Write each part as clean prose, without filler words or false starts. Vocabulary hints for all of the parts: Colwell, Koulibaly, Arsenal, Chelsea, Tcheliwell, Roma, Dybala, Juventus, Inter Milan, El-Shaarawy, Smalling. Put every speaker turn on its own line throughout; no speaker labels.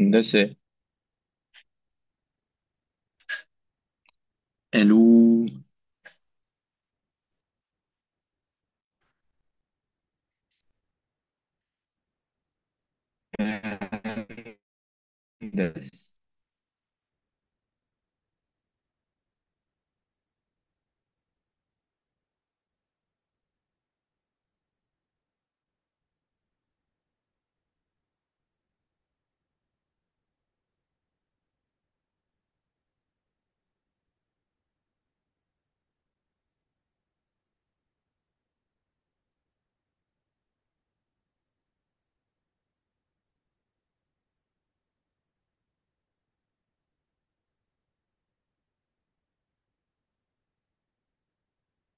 هندسة. علوم. هندس.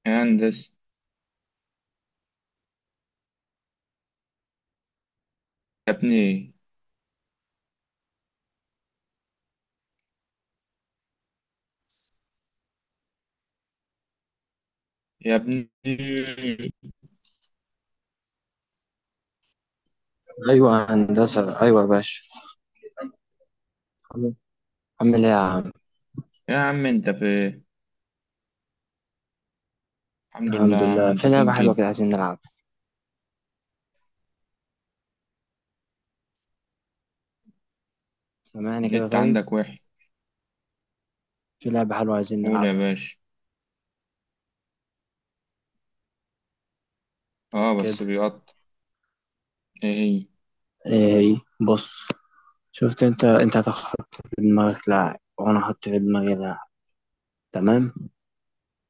هندس. يا ابني. يا ابني.
ايوه هندسه، ايوه يا باشا. عامل عامل ايه يا عم؟
يا عم انت في الحمد لله. يا
الحمد
عم،
لله.
انت
في لعبه
فين
حلوه
كده؟
كده عايزين نلعبها. سامعني كده؟
النت
طيب،
عندك وحش؟
في لعبه حلوه عايزين
قول يا
نلعبها.
باشا.
طب
اه
كده.
بس بيقطع. ايه هي؟
ايه هي؟ بص، شفت؟ انت هتحط في دماغك لاعب وانا هحط في دماغي لاعب، تمام؟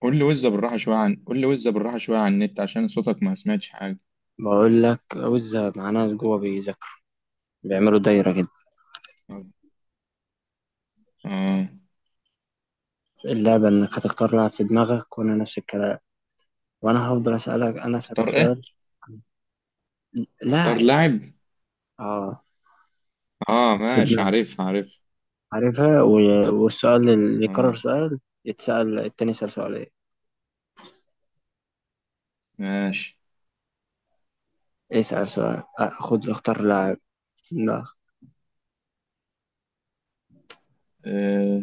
قول لي وزة بالراحة شوية عن النت عشان صوتك ما سمعتش حاجة.
بقول لك وزة، مع ناس جوه بيذاكروا، بيعملوا دايره كده.
اه.
اللعبه انك هتختار لاعب في دماغك وانا نفس الكلام، وانا هفضل اسالك، انا
اختار
اسالك
ايه؟
سؤال.
اختار
لاعب.
لاعب.
اه،
اه
في
ماشي،
دماغك.
عارف عارف.
عارفها. و- والسؤال اللي يكرر،
اه
سؤال يتسأل، التاني يسأل سؤال ايه.
ماشي.
اسأل سؤال. آه، خد اختار لاعب. لا.
اه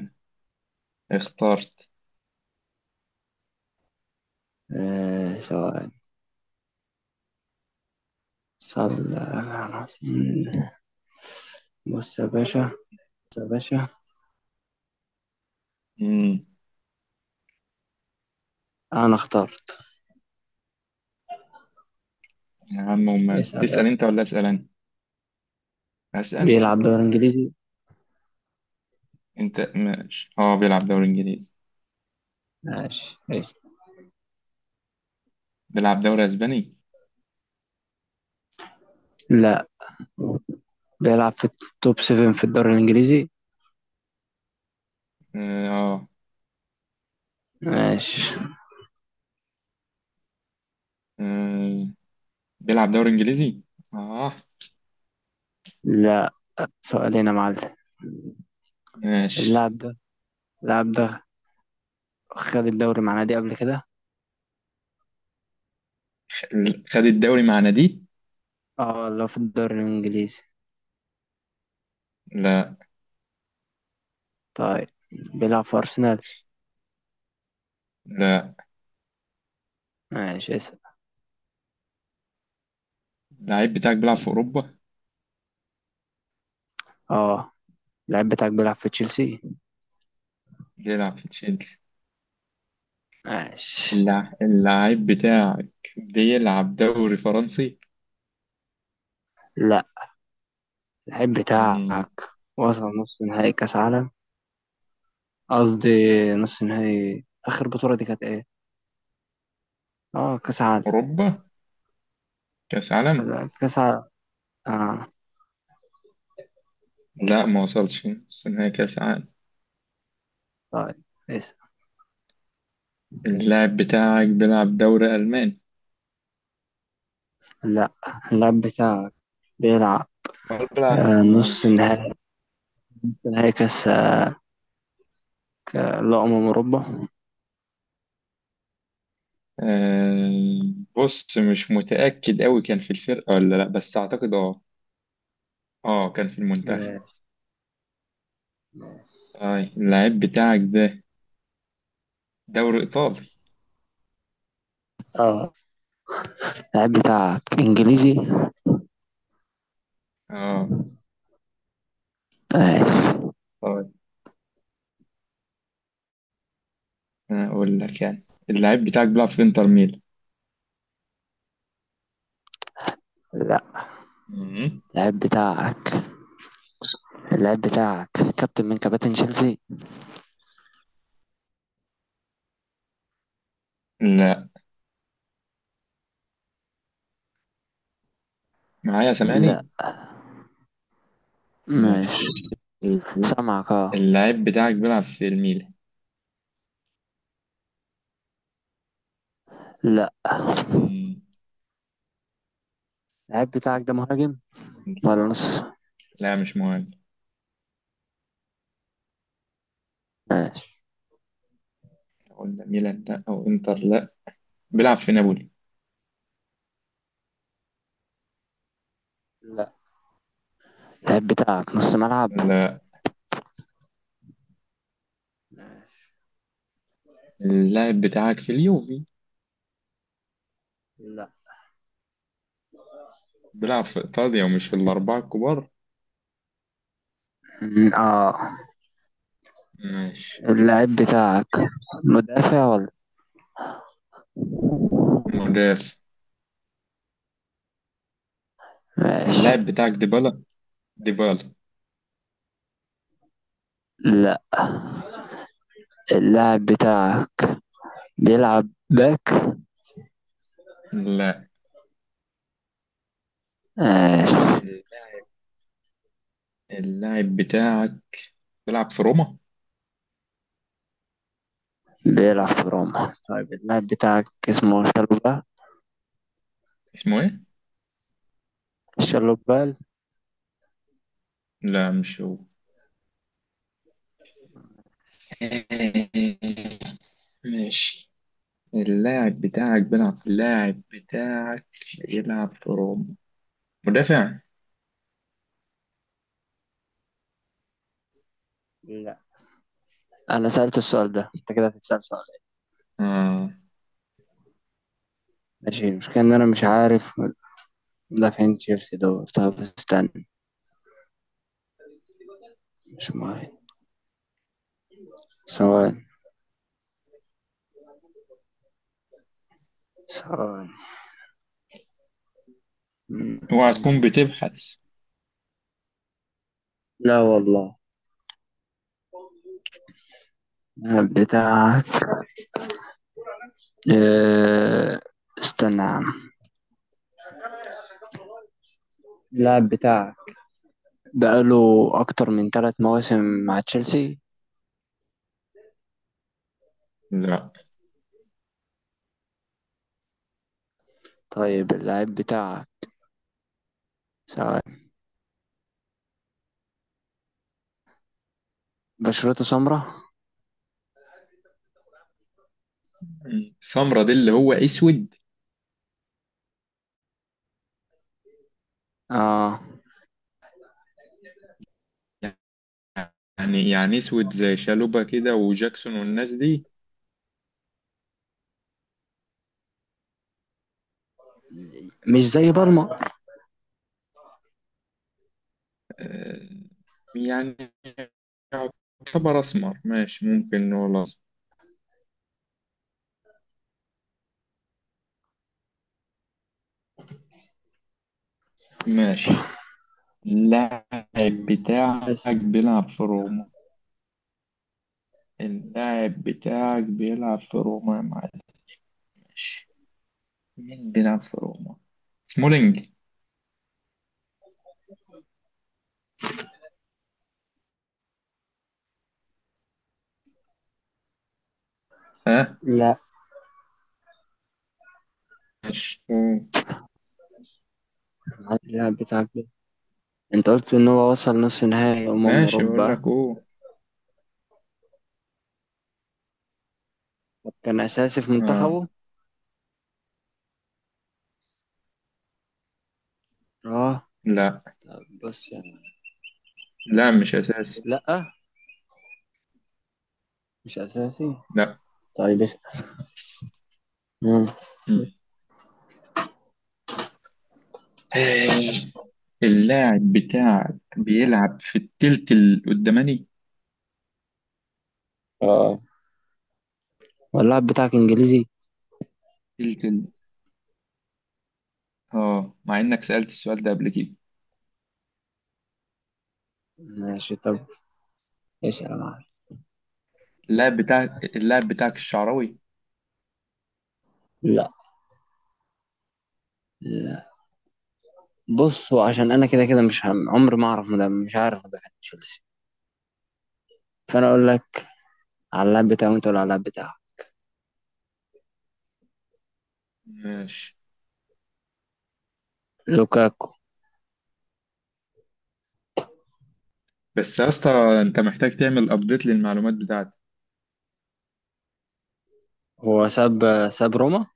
اخترت.
آه، سؤال. صلى على رسول. بص يا باشا، بص يا باشا، انا اخترت.
يا عم، أمال
اسأل يلا.
تسأل أنت ولا أسأل أنا؟ هسأل.
بيلعب دوري انجليزي.
أنت ماشي، أه بيلعب دوري إنجليزي.
ماشي اسأل.
بيلعب دوري أسباني؟
لا، بيلعب في التوب 7 في الدوري الانجليزي.
أه. آه.
ماشي.
آه. بيلعب دوري إنجليزي؟ أه
لا، سؤالين يا معلم.
ماشي.
اللاعب ده اللاعب ده خد الدوري مع نادي قبل كده؟
خد الدوري مع نادي؟
اه، لو في الدوري الانجليزي.
لا.
طيب، بيلعب في أرسنال.
لا،
ماشي اسأل.
اللعيب بتاعك بيلعب في أوروبا؟
اه، اللعيب بتاعك بيلعب في تشيلسي.
بيلعب في تشيلسي.
ماشي.
اللعيب بتاعك بيلعب دوري فرنسي؟
لا. اللعيب
مم.
بتاعك وصل نص نهائي كأس عالم، قصدي نص نهائي آخر بطولة، دي كانت ايه؟ اه، كأس عالم.
أوروبا؟ كأس عالم؟
لا، كأس عالم. اه.
لا ما وصلش بس إن هي كأس عالم.
طيب اسأل.
اللاعب بتاعك بيلعب دوري ألماني.
لا. اللعيب بتاعك بيلعب.
أربعة،
آه، نص
ماشي.
نهائي، نهائي كأس، لا، أمم أوروبا.
آه. بص مش متأكد أوي كان في الفرقة ولا لأ بس أعتقد أه. أه كان في المنتخب.
ماشي.
طيب اللاعب بتاعك ده دوري إيطالي.
اه. اللعيب بتاعك إنجليزي.
أه.
ماشي.
طيب، أنا أقول لك يعني اللاعب بتاعك بيلعب في إنتر ميلان.
لا.
مم.
اللعيب بتاعك، اللاعب بتاعك كابتن من كباتن تشيلسي.
لأ. معايا؟
لا.
سامعني؟
ماشي.
ماشي.
سامعك اه.
اللاعب بتاعك بيلعب في الميلان.
لا.
مم.
اللاعب بتاعك ده مهاجم ولا نص؟
لا مش مهم.
ماشي.
قلنا ميلان لأ أو إنتر لأ. بيلعب في نابولي.
لا. اللاعب بتاعك نص ملعب.
لأ. اللاعب بتاعك في اليوفي.
لا.
بيلعب في إيطاليا ومش في الأربعة الكبار.
اه.
ماشي.
اللاعب بتاعك مدافع ولا؟
مدافع.
ماشي.
اللاعب بتاعك ديبالا. ديبالا.
لا. اللاعب بتاعك بيلعب باك.
لا.
ماشي.
ال- اللاعب بتاعك بيلعب في روما.
بيلعب في روما. طيب، اللاعب بتاعك اسمه شالوبا.
اسمه ايه؟
شالوبال.
لا مش هو. ماشي. اللاعب بتاعك يلعب في روما. مدافع.
انا سألت السؤال ده، انت كده هتتسأل سؤال.
آه.
ماشي. المشكلة ان انا مش عارف مدافعين تشيلسي دول. طب استنى، مش مهم. ثواني، ثواني. م-
اوعى تكون
م-
بتبحث.
لا والله. اللاعب بتاعك، آه، استنى يا عم. اللاعب بتاعك بقاله اكتر من 3 مواسم مع تشيلسي.
لا.
طيب اللاعب بتاعك، ثواني، بشرته سمراء.
سمرة دي اللي هو اسود.
اه،
يعني اسود زي شالوبا كده وجاكسون والناس دي.
مش زي بالمر.
آه، يعني يعتبر اسمر. ماشي، ممكن نقول اسمر. ماشي. اللاعب
م،
بتاعك
بس.
بيلعب في روما. اللاعب بتاعك بيلعب في روما يا معلم. ماشي. مين بيلعب في روما؟ سمولينج. ها؟
لا.
ماشي. أوه.
اللاعب بتاعك، انت قلت ان هو وصل نص نهائي
ماشي، بقول
اوروبا.
لك اوه.
طب كان اساسي في
اه.
منتخبه؟ اه.
لا.
طب بص يعني.
لا مش اساسي.
لا مش اساسي.
لا.
طيب اسال. مم.
مم. اللاعب بتاعك بيلعب في التلت القداماني.
اه. واللاعب بتاعك انجليزي.
تلت ال... اه، مع انك سألت السؤال ده قبل كده.
ماشي. طب اسال يا معلم.
اللاعب بتاعك، اللاعب بتاعك الشعراوي.
لا. لا. بصوا، عشان انا كده كده مش هم. عمري ما اعرف مدافع، مش عارف مدافع تشيلسي، فانا اقول لك على اللاعب بتاعه وانت تقول على اللاعب بتاعه.
ماشي.
لوكاكو
بس يا اسطى، انت محتاج تعمل ابديت للمعلومات بتاعتك.
هو ساب روما.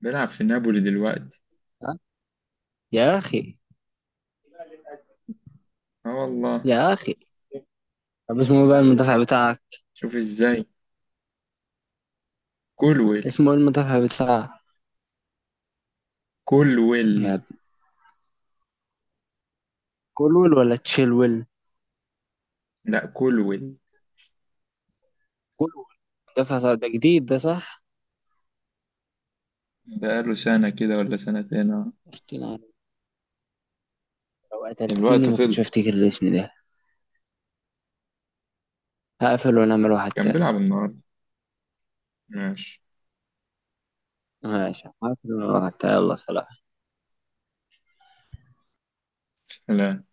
بيلعب في نابولي دلوقتي.
ها؟ يا اخي،
اه والله.
يا اخي. طب اسمه إيه بقى المدافع بتاعك؟
شوف ازاي. كولويل.
اسمه ايه المدافع بتاعك؟
كولويل.
يا كولويل ولا تشيلويل.
لا، كولويل.
كولويل. ده فصل، ده جديد، ده صح.
بقاله سنة كده ولا سنتين، اه.
قلت لها، لو قتلتني
الوقت
ما كنتش
خلص.
هفتكر الاسم ده. هقفل ونعمل واحد
كان
تاني.
بيلعب النهارده. ماشي.
ماشي، هقفل ونعمل واحد تاني. يلا سلام.
سلام.